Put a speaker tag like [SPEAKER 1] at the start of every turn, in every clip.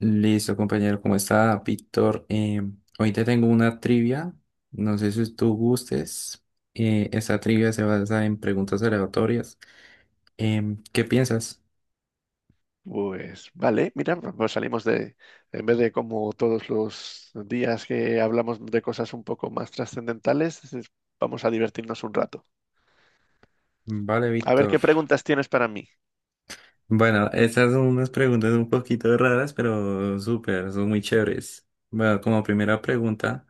[SPEAKER 1] Listo, compañero, ¿cómo está, Víctor? Hoy te tengo una trivia, no sé si tú gustes. Esta trivia se basa en preguntas aleatorias. ¿Qué piensas?
[SPEAKER 2] Pues vale, mira, pues salimos de, en vez de como todos los días que hablamos de cosas un poco más trascendentales, vamos a divertirnos un rato.
[SPEAKER 1] Vale,
[SPEAKER 2] A ver,
[SPEAKER 1] Víctor.
[SPEAKER 2] ¿qué preguntas tienes para mí?
[SPEAKER 1] Bueno, estas son unas preguntas un poquito raras, pero súper, son muy chéveres. Bueno, como primera pregunta,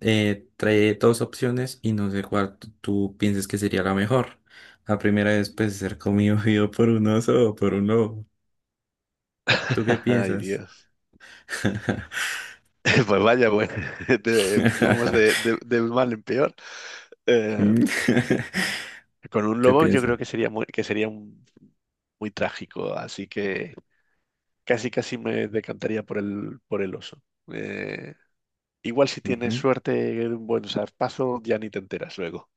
[SPEAKER 1] trae dos opciones y no sé cuál tú piensas que sería la mejor. La primera es, pues, ser comido vivo por un oso o por un lobo. ¿Tú qué
[SPEAKER 2] Ay,
[SPEAKER 1] piensas?
[SPEAKER 2] Dios. Pues vaya, bueno, de- vamos de, de- de mal en peor. Eh, con un
[SPEAKER 1] ¿Qué
[SPEAKER 2] lobo yo creo
[SPEAKER 1] piensa?
[SPEAKER 2] que sería muy, que sería un- muy trágico, así que casi casi me decantaría por el oso. Eh, Igual si tienes
[SPEAKER 1] Ujú.
[SPEAKER 2] suerte, de un buen zarpazo, ya ni te enteras luego.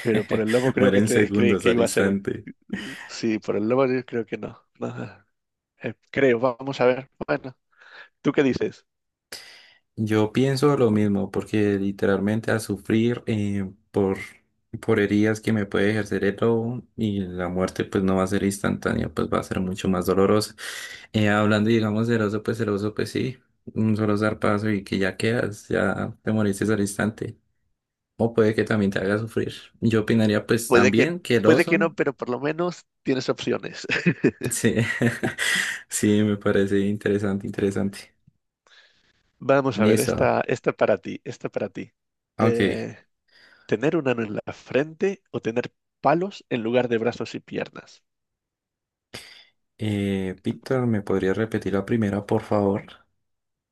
[SPEAKER 2] Pero por el lobo creo
[SPEAKER 1] Muere
[SPEAKER 2] que
[SPEAKER 1] en
[SPEAKER 2] te creí
[SPEAKER 1] segundos
[SPEAKER 2] que
[SPEAKER 1] al
[SPEAKER 2] iba a ser.
[SPEAKER 1] instante.
[SPEAKER 2] Sí, por el lobo yo creo que no. No, no, creo, vamos a ver. Bueno, ¿tú qué dices?
[SPEAKER 1] Yo pienso lo mismo, porque literalmente a sufrir por heridas que me puede ejercer el lobo y la muerte pues no va a ser instantánea, pues va a ser mucho más dolorosa. Hablando, digamos, del oso, pues el oso, pues sí, un solo zarpazo y que ya quedas, ya te moriste al instante. O puede que también te haga sufrir. Yo opinaría pues
[SPEAKER 2] Puede que,
[SPEAKER 1] también que el
[SPEAKER 2] puede que
[SPEAKER 1] oso.
[SPEAKER 2] no, pero por lo menos tienes opciones.
[SPEAKER 1] Sí, sí, me parece interesante, interesante.
[SPEAKER 2] Vamos a ver,
[SPEAKER 1] Listo.
[SPEAKER 2] esta para ti, esta para ti.
[SPEAKER 1] Ok.
[SPEAKER 2] Eh, ¿Tener un ano en la frente o tener palos en lugar de brazos y piernas?
[SPEAKER 1] Víctor, ¿me podría repetir la primera, por favor?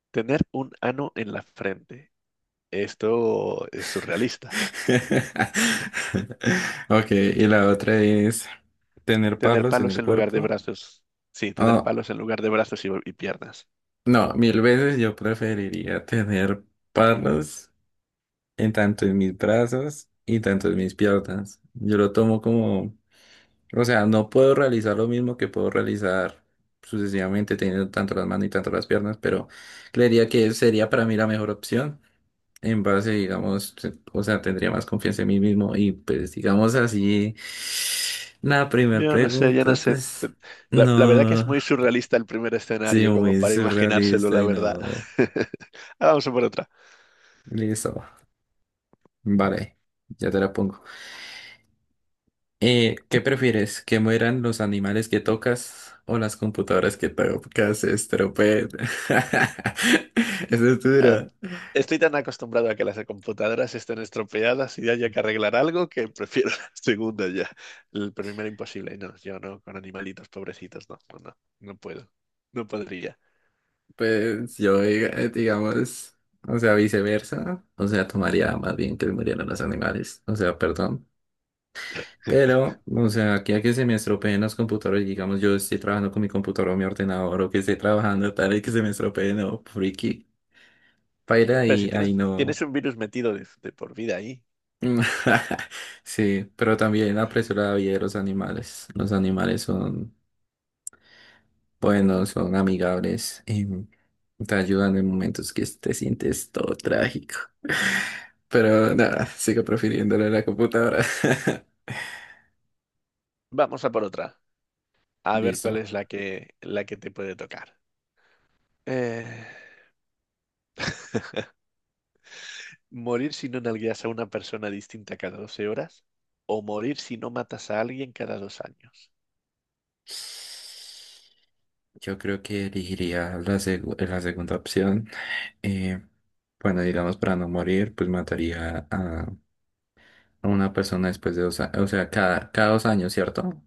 [SPEAKER 2] Tener un ano en la frente. Esto es surrealista.
[SPEAKER 1] Ok, y la otra es tener
[SPEAKER 2] Tener
[SPEAKER 1] palos en
[SPEAKER 2] palos
[SPEAKER 1] el
[SPEAKER 2] en lugar de
[SPEAKER 1] cuerpo.
[SPEAKER 2] brazos. Sí, tener
[SPEAKER 1] Oh,
[SPEAKER 2] palos en lugar de brazos y piernas.
[SPEAKER 1] no, mil veces yo preferiría tener palos en tanto en mis brazos y tanto en mis piernas. Yo lo tomo como, o sea, no puedo realizar lo mismo que puedo realizar sucesivamente teniendo tanto las manos y tanto las piernas, pero creería que sería para mí la mejor opción. En base, digamos, o sea, tendría más confianza en mí mismo y pues digamos así, la primera
[SPEAKER 2] Yo no sé, yo no
[SPEAKER 1] pregunta,
[SPEAKER 2] sé.
[SPEAKER 1] pues
[SPEAKER 2] La verdad que es
[SPEAKER 1] no,
[SPEAKER 2] muy surrealista el primer
[SPEAKER 1] sí,
[SPEAKER 2] escenario, como
[SPEAKER 1] muy
[SPEAKER 2] para imaginárselo,
[SPEAKER 1] surrealista
[SPEAKER 2] la
[SPEAKER 1] y
[SPEAKER 2] verdad.
[SPEAKER 1] no.
[SPEAKER 2] Ahora vamos a por otra.
[SPEAKER 1] Listo, vale, ya te la pongo. ¿Qué prefieres? ¿Que mueran los animales que tocas o las computadoras que tocas se estropeen? Eso es
[SPEAKER 2] Em,
[SPEAKER 1] duro.
[SPEAKER 2] Estoy tan acostumbrado a que las computadoras estén estropeadas y haya que arreglar algo que prefiero la segunda ya. El primero imposible. No, yo no, con animalitos pobrecitos, no, no, no, no puedo. No podría.
[SPEAKER 1] Pues yo, digamos, o sea, viceversa. O sea, tomaría más bien que murieran los animales. O sea, perdón. Pero, o sea, aquí a que se me estropeen los computadores, digamos, yo estoy trabajando con mi computador o mi ordenador o que estoy trabajando tal y que se me estropeen o friki. Paila,
[SPEAKER 2] Pero
[SPEAKER 1] ahí,
[SPEAKER 2] si tienes,
[SPEAKER 1] ahí no.
[SPEAKER 2] tienes un virus metido de por vida ahí,
[SPEAKER 1] Mm. Sí, pero también aprecio la vida de los animales. Los animales son buenos, son amigables y te ayudan en momentos que te sientes todo trágico. Pero nada, sigo prefiriéndole la computadora.
[SPEAKER 2] vamos a por otra. A ver cuál
[SPEAKER 1] Listo.
[SPEAKER 2] es la que te puede tocar. Eh, ¿Morir si no nalgueas a una persona distinta cada 12 horas? ¿O morir si no matas a alguien cada 2 años?
[SPEAKER 1] Yo creo que elegiría la segunda opción. Eh, bueno, digamos, para no morir, pues mataría a una persona después de 2 años, o sea, cada 2 años, ¿cierto?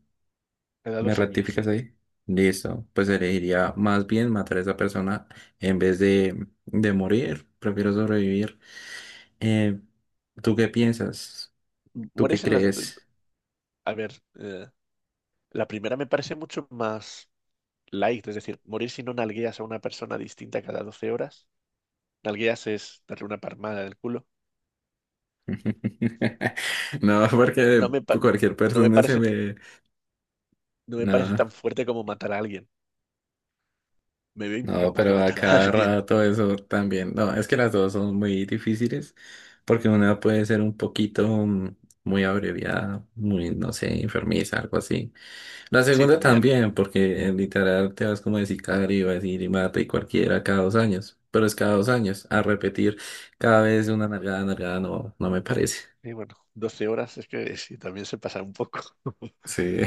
[SPEAKER 2] Cada
[SPEAKER 1] ¿Me
[SPEAKER 2] dos años,
[SPEAKER 1] rectificas
[SPEAKER 2] sí.
[SPEAKER 1] ahí? Listo. Pues elegiría más bien matar a esa persona en vez de morir. Prefiero sobrevivir. Eh, ¿Tú qué piensas? ¿Tú qué
[SPEAKER 2] Mueres en las...
[SPEAKER 1] crees?
[SPEAKER 2] A ver, eh, la primera me parece mucho más light, es decir, morir si no nalgueas a una persona distinta cada 12 horas. Nalgueas es darle una palmada del culo.
[SPEAKER 1] No, porque
[SPEAKER 2] No me, pa-
[SPEAKER 1] cualquier
[SPEAKER 2] no me
[SPEAKER 1] persona se
[SPEAKER 2] parece,
[SPEAKER 1] me...
[SPEAKER 2] no me parece
[SPEAKER 1] No,
[SPEAKER 2] tan fuerte como matar a alguien. Me veo
[SPEAKER 1] no,
[SPEAKER 2] incapaz de
[SPEAKER 1] pero a
[SPEAKER 2] matar a
[SPEAKER 1] cada
[SPEAKER 2] alguien.
[SPEAKER 1] rato eso también. No, es que las dos son muy difíciles porque una puede ser un poquito muy abreviada, muy, no sé, enfermiza, algo así. La
[SPEAKER 2] Sí,
[SPEAKER 1] segunda
[SPEAKER 2] también.
[SPEAKER 1] también, porque literal te vas como de sicario, vas a decir y mata y cualquiera cada 2 años, pero es cada 2 años, a repetir cada vez una nalgada, nalgada, no, no me parece.
[SPEAKER 2] Y bueno, 12 horas es que sí, también se pasa un poco.
[SPEAKER 1] Sí.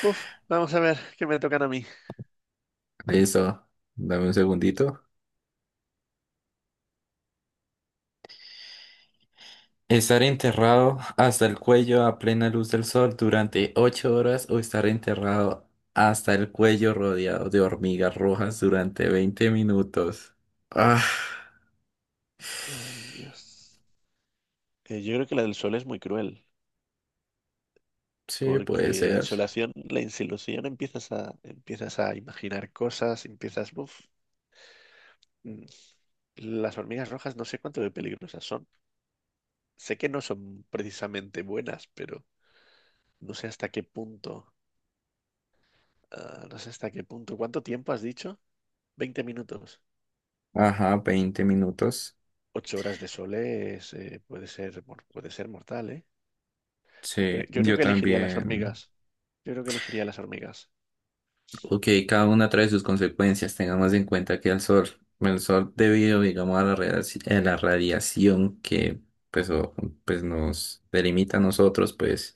[SPEAKER 2] Uf, vamos a ver qué me tocan a mí.
[SPEAKER 1] Listo, dame un segundito. Estar enterrado hasta el cuello a plena luz del sol durante 8 horas o estar enterrado hasta el cuello rodeado de hormigas rojas durante 20 minutos. Ah,
[SPEAKER 2] Ay, Dios. Yo creo que la del sol es muy cruel,
[SPEAKER 1] sí, puede
[SPEAKER 2] porque la
[SPEAKER 1] ser.
[SPEAKER 2] insolación, la insolación empiezas a imaginar cosas, mm, las hormigas rojas no sé cuánto de peligrosas son. Sé que no son precisamente buenas, pero no sé hasta qué punto, no sé hasta qué punto. ¿Cuánto tiempo has dicho? 20 minutos.
[SPEAKER 1] Ajá, 20 minutos.
[SPEAKER 2] 8 horas de sol es, puede ser, mor- puede ser mortal, ¿eh? Yo creo,
[SPEAKER 1] Sí,
[SPEAKER 2] yo creo
[SPEAKER 1] yo
[SPEAKER 2] que elegiría las
[SPEAKER 1] también.
[SPEAKER 2] hormigas. Yo creo que elegiría las hormigas.
[SPEAKER 1] Ok, cada una trae sus consecuencias. Tengamos en cuenta que el sol debido, digamos, a a la radiación que pues, pues nos delimita a nosotros, pues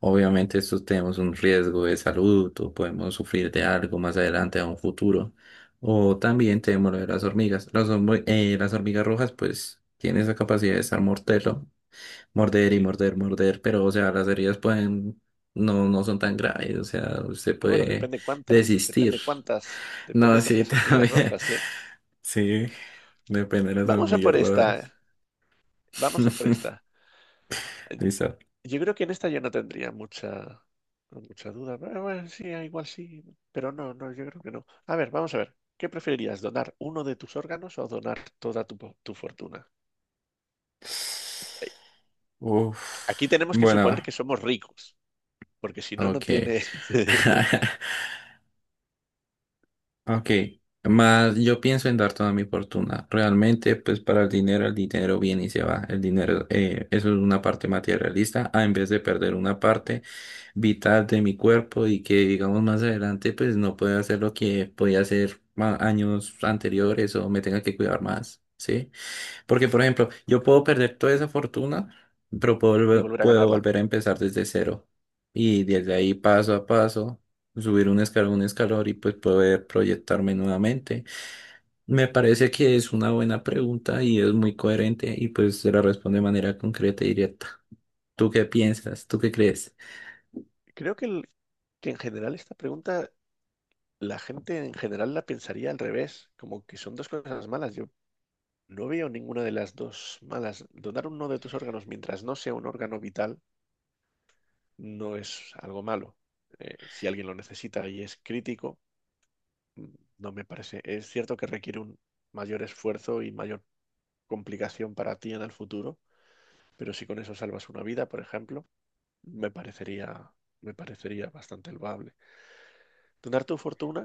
[SPEAKER 1] obviamente esto tenemos un riesgo de salud o podemos sufrir de algo más adelante a un futuro. O también tenemos lo de las hormigas. Las hormigas rojas, pues, tienen esa capacidad de estar mortero. Morder y
[SPEAKER 2] Sí.
[SPEAKER 1] morder, morder, pero o sea, las heridas pueden, no, no son tan graves, o sea, usted
[SPEAKER 2] Bueno,
[SPEAKER 1] puede
[SPEAKER 2] depende cuántas,
[SPEAKER 1] desistir.
[SPEAKER 2] depende cuántas,
[SPEAKER 1] No,
[SPEAKER 2] depende
[SPEAKER 1] sí,
[SPEAKER 2] cuántas hormigas
[SPEAKER 1] también.
[SPEAKER 2] rojas, ¿eh?
[SPEAKER 1] Sí, depende de las
[SPEAKER 2] Vamos a
[SPEAKER 1] hormigas
[SPEAKER 2] por esta,
[SPEAKER 1] rojas.
[SPEAKER 2] ¿eh? Vamos a por esta. Eh,
[SPEAKER 1] Listo.
[SPEAKER 2] Yo creo que en esta yo no tendría mucha, mucha duda. Bueno, bueno, sí, igual sí, pero no, no, yo creo que no. A ver, vamos a ver. ¿Qué preferirías, donar uno de tus órganos o donar toda tu fortuna? Eh, Aquí
[SPEAKER 1] Uf.
[SPEAKER 2] tenemos que
[SPEAKER 1] Bueno,
[SPEAKER 2] suponer que somos ricos, porque si no, no tiene...
[SPEAKER 1] ok. Ok, más yo pienso en dar toda mi fortuna. Realmente, pues para el dinero viene y se va. El dinero, eso es una parte materialista, a en vez de perder una parte vital de mi cuerpo y que, digamos, más adelante, pues no pueda hacer lo que podía hacer años anteriores o me tenga que cuidar más, ¿sí? Porque, por ejemplo, yo puedo perder toda esa fortuna, pero
[SPEAKER 2] Y volver a
[SPEAKER 1] puedo
[SPEAKER 2] ganarla.
[SPEAKER 1] volver a empezar desde cero. Y
[SPEAKER 2] Sí.
[SPEAKER 1] desde ahí, paso a paso, subir un escalón y pues poder proyectarme nuevamente. Me parece que es una buena pregunta y es muy coherente y pues se la responde de manera concreta y directa. ¿Tú qué piensas? ¿Tú qué crees?
[SPEAKER 2] Creo que en general esta pregunta la gente en general la pensaría al revés, como que son dos cosas malas. Yo no veo ninguna de las dos malas. Donar uno de tus órganos mientras no sea un órgano vital no es algo malo. Si alguien lo necesita y es crítico, mm, no me parece. Es cierto que requiere un mayor esfuerzo y mayor complicación para ti en el futuro, pero si con eso salvas una vida, por ejemplo, me parecería, me parecería bastante loable. Donar tu fortuna.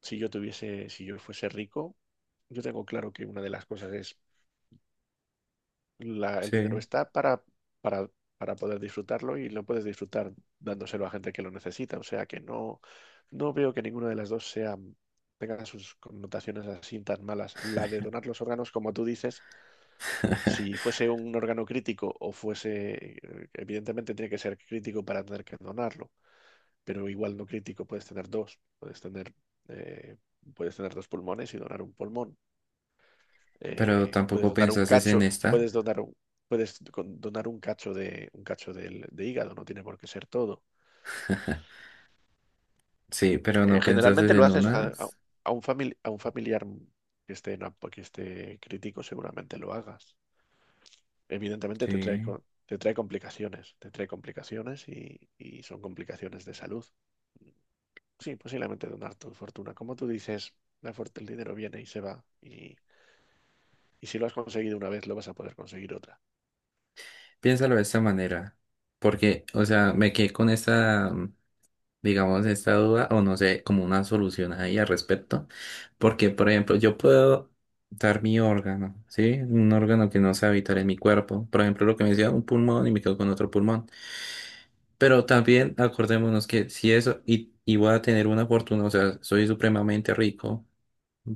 [SPEAKER 2] Si yo fuese rico, yo tengo claro que una de las cosas es el dinero
[SPEAKER 1] Sí,
[SPEAKER 2] está para, para poder disfrutarlo y lo puedes disfrutar dándoselo a gente que lo necesita. O sea que no, no veo que ninguna de las dos tenga sus connotaciones así tan malas. La de donar los órganos, como tú dices, si fuese un órgano crítico o fuese, evidentemente tiene que ser crítico para tener que donarlo, pero igual no crítico, eh, puedes tener dos pulmones y donar un pulmón
[SPEAKER 1] pero
[SPEAKER 2] eh, puedes
[SPEAKER 1] tampoco
[SPEAKER 2] donar un
[SPEAKER 1] pensaste en
[SPEAKER 2] cacho,
[SPEAKER 1] esta.
[SPEAKER 2] puedes donar un, donar un cacho de un cacho de hígado, no tiene por qué ser todo.
[SPEAKER 1] Sí, pero no
[SPEAKER 2] Generalmente
[SPEAKER 1] pensaste
[SPEAKER 2] lo
[SPEAKER 1] en
[SPEAKER 2] haces a,
[SPEAKER 1] una.
[SPEAKER 2] a un familiar que esté crítico, seguramente lo hagas. Evidentemente te trae,
[SPEAKER 1] Sí.
[SPEAKER 2] co- te trae complicaciones, te trae complicaciones y son complicaciones de salud. Sí, posiblemente donar tu fortuna. Como tú dices, el dinero viene y se va. Y si lo has conseguido una vez, lo vas a poder conseguir otra.
[SPEAKER 1] Piénsalo de esta manera, porque, o sea, me quedé con esta, digamos, esta duda, o no sé, como una solución ahí al respecto, porque, por ejemplo, yo puedo dar mi órgano, ¿sí? Un órgano que no sea vital en mi cuerpo, por ejemplo, lo que me decía, un pulmón y me quedo con otro pulmón, pero también acordémonos que si eso, y voy a tener una fortuna, o sea, soy supremamente rico,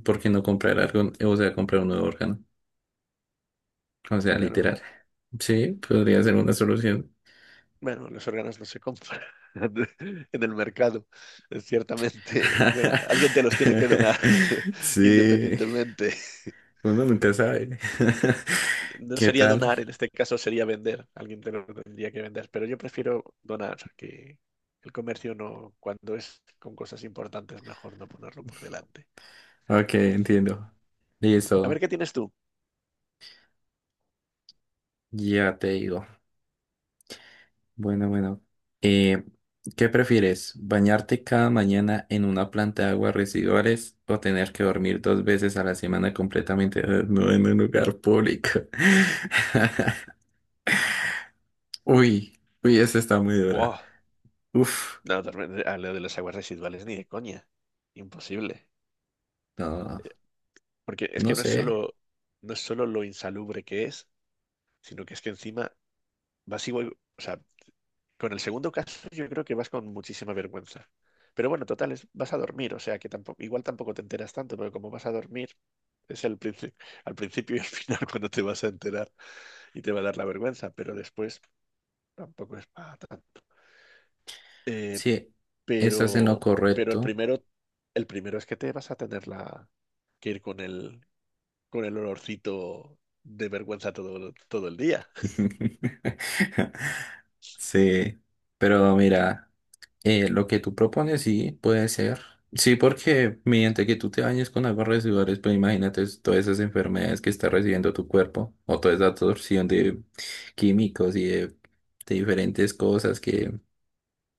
[SPEAKER 1] ¿porque no comprar algo, o sea, comprar un nuevo órgano? O sea,
[SPEAKER 2] Bueno,
[SPEAKER 1] literal, sí, podría ser una solución.
[SPEAKER 2] bueno, los órganos no se compran en el mercado. Es ciertamente, bueno, alguien te los tiene que donar
[SPEAKER 1] Sí,
[SPEAKER 2] independientemente.
[SPEAKER 1] uno nunca sabe.
[SPEAKER 2] No
[SPEAKER 1] ¿Qué
[SPEAKER 2] sería
[SPEAKER 1] tal?
[SPEAKER 2] donar, en este caso sería vender. Alguien te los tendría que vender, pero yo prefiero donar, que el comercio no, cuando es con cosas importantes, mejor no ponerlo por delante.
[SPEAKER 1] Ok, entiendo.
[SPEAKER 2] A ver,
[SPEAKER 1] Listo,
[SPEAKER 2] ¿qué tienes tú?
[SPEAKER 1] ya te digo. Bueno, bueno. Eh, ¿Qué prefieres? ¿Bañarte cada mañana en una planta de aguas residuales o tener que dormir dos veces a la semana completamente desnudo en un lugar público? Uy, uy, esa está muy dura.
[SPEAKER 2] Buah,
[SPEAKER 1] Uf,
[SPEAKER 2] no, a lo de las aguas residuales ni de coña. Imposible.
[SPEAKER 1] no,
[SPEAKER 2] Porque es
[SPEAKER 1] no
[SPEAKER 2] que no es
[SPEAKER 1] sé.
[SPEAKER 2] solo, no es solo lo insalubre que es, sino que es que encima vas igual, o sea, con el segundo caso yo creo que vas con muchísima vergüenza. Pero bueno, total, es- vas a dormir, o sea que tampoco, igual tampoco te enteras tanto, pero como vas a dormir, es el princi- al principio y al final cuando te vas a enterar y te va a dar la vergüenza, pero después tampoco es para tanto. Eh,
[SPEAKER 1] Sí, estás en lo
[SPEAKER 2] pero, pero el
[SPEAKER 1] correcto.
[SPEAKER 2] primero, el primero es que te vas a tener que ir con el olorcito de vergüenza todo, todo el día.
[SPEAKER 1] Sí, pero mira, lo que tú propones sí puede ser. Sí, porque mediante que tú te bañes con aguas residuales, pues imagínate todas esas enfermedades que está recibiendo tu cuerpo o toda esa absorción de químicos y de diferentes cosas que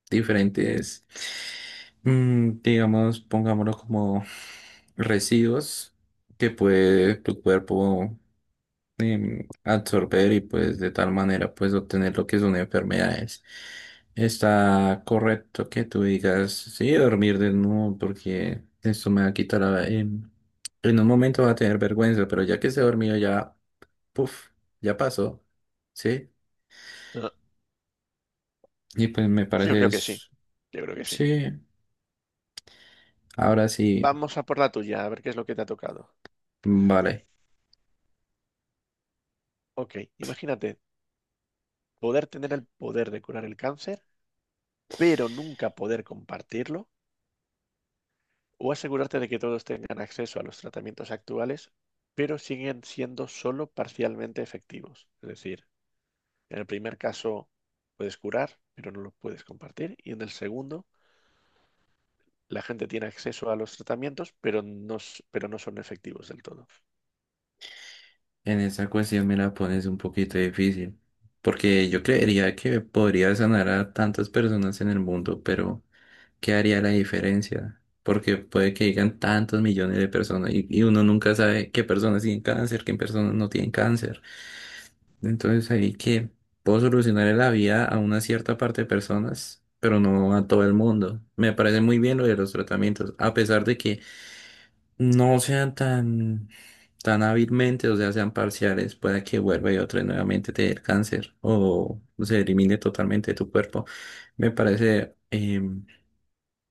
[SPEAKER 1] diferentes, digamos, pongámoslo como residuos que puede tu cuerpo absorber y pues de tal manera pues obtener lo que son enfermedades. Está correcto que tú digas, sí, dormir desnudo porque esto me va a quitar en un momento va a tener vergüenza, pero ya que se dormido ya, puff, ya pasó, ¿sí? Y pues me
[SPEAKER 2] Yo
[SPEAKER 1] parece,
[SPEAKER 2] creo que sí, yo creo que sí.
[SPEAKER 1] sí, ahora sí,
[SPEAKER 2] Vamos a por la tuya, a ver qué es lo que te ha tocado.
[SPEAKER 1] vale.
[SPEAKER 2] Ok, imagínate poder tener el poder de curar el cáncer, pero nunca poder compartirlo, o asegurarte de que todos tengan acceso a los tratamientos actuales, pero siguen siendo solo parcialmente efectivos. Es decir, en el primer caso puedes curar, pero no lo puedes compartir, y en el segundo, la gente tiene acceso a los tratamientos, pero no son efectivos del todo.
[SPEAKER 1] En esa cuestión me la pones un poquito difícil, porque yo creería que podría sanar a tantas personas en el mundo, pero ¿qué haría la diferencia? Porque puede que llegan tantos millones de personas y uno nunca sabe qué personas tienen cáncer, qué personas no tienen cáncer. Entonces ahí que puedo solucionar la vida a una cierta parte de personas, pero no a todo el mundo. Me parece muy bien lo de los tratamientos, a pesar de que no sean tan, tan hábilmente, o sea, sean parciales, pueda que vuelva y otra vez nuevamente te dé el cáncer o se elimine totalmente de tu cuerpo. Me parece, eh,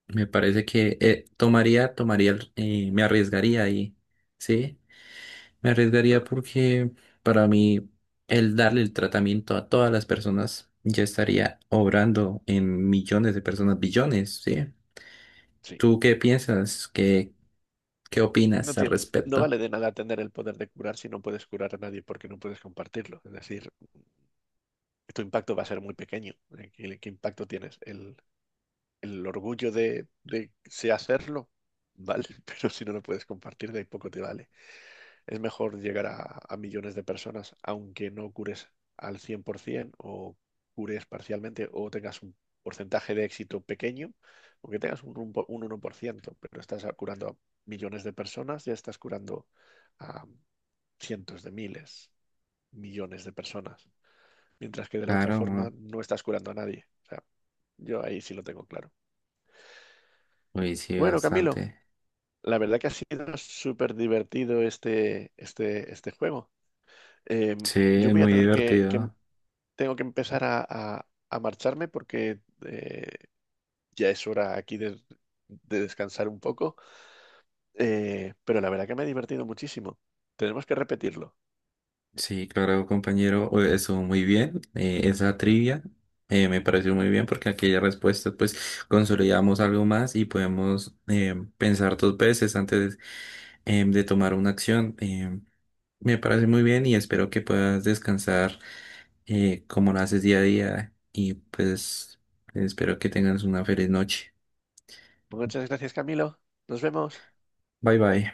[SPEAKER 1] me parece que tomaría, tomaría, el- Me arriesgaría ahí, ¿sí? Me
[SPEAKER 2] Eh,
[SPEAKER 1] arriesgaría porque para mí el darle el tratamiento a todas las personas ya estaría obrando en millones de personas, billones, ¿sí?
[SPEAKER 2] Sí.
[SPEAKER 1] ¿Tú qué piensas? ¿Qué
[SPEAKER 2] No
[SPEAKER 1] opinas al
[SPEAKER 2] tiene, no
[SPEAKER 1] respecto?
[SPEAKER 2] vale de nada tener el poder de curar si no puedes curar a nadie porque no puedes compartirlo. Es decir, tu impacto va a ser muy pequeño. ¿Qué impacto tienes? El orgullo de sé hacerlo, vale, pero si no lo puedes compartir, de ahí poco te vale. Es mejor llegar a, millones de personas, aunque no cures al 100% o cures parcialmente o tengas un porcentaje de éxito pequeño, aunque tengas un 1%, pero curando a millones de personas, ya estás curando a cientos de miles, millones de personas, mientras que de la otra forma
[SPEAKER 1] Claro,
[SPEAKER 2] no estás curando a nadie. O sea, yo ahí sí lo tengo claro.
[SPEAKER 1] uy, sí,
[SPEAKER 2] Bueno, Camilo,
[SPEAKER 1] bastante.
[SPEAKER 2] la verdad que ha sido súper divertido este juego. eh,
[SPEAKER 1] Sí,
[SPEAKER 2] yo
[SPEAKER 1] es
[SPEAKER 2] voy a
[SPEAKER 1] muy
[SPEAKER 2] tener que- em,
[SPEAKER 1] divertido.
[SPEAKER 2] tengo que empezar a marcharme porque eh, ya es hora aquí de descansar un poco, pero la verdad que me he divertido muchísimo. Tenemos que repetirlo.
[SPEAKER 1] Sí, claro, compañero, eso muy bien. Esa trivia me pareció muy bien porque aquella respuesta, pues consolidamos algo más y podemos pensar dos veces antes de tomar una acción. Me parece muy bien y espero que puedas descansar como lo haces día a día y pues espero que tengas una feliz noche.
[SPEAKER 2] Muchas gracias, Camilo. Nos vemos.
[SPEAKER 1] Bye bye.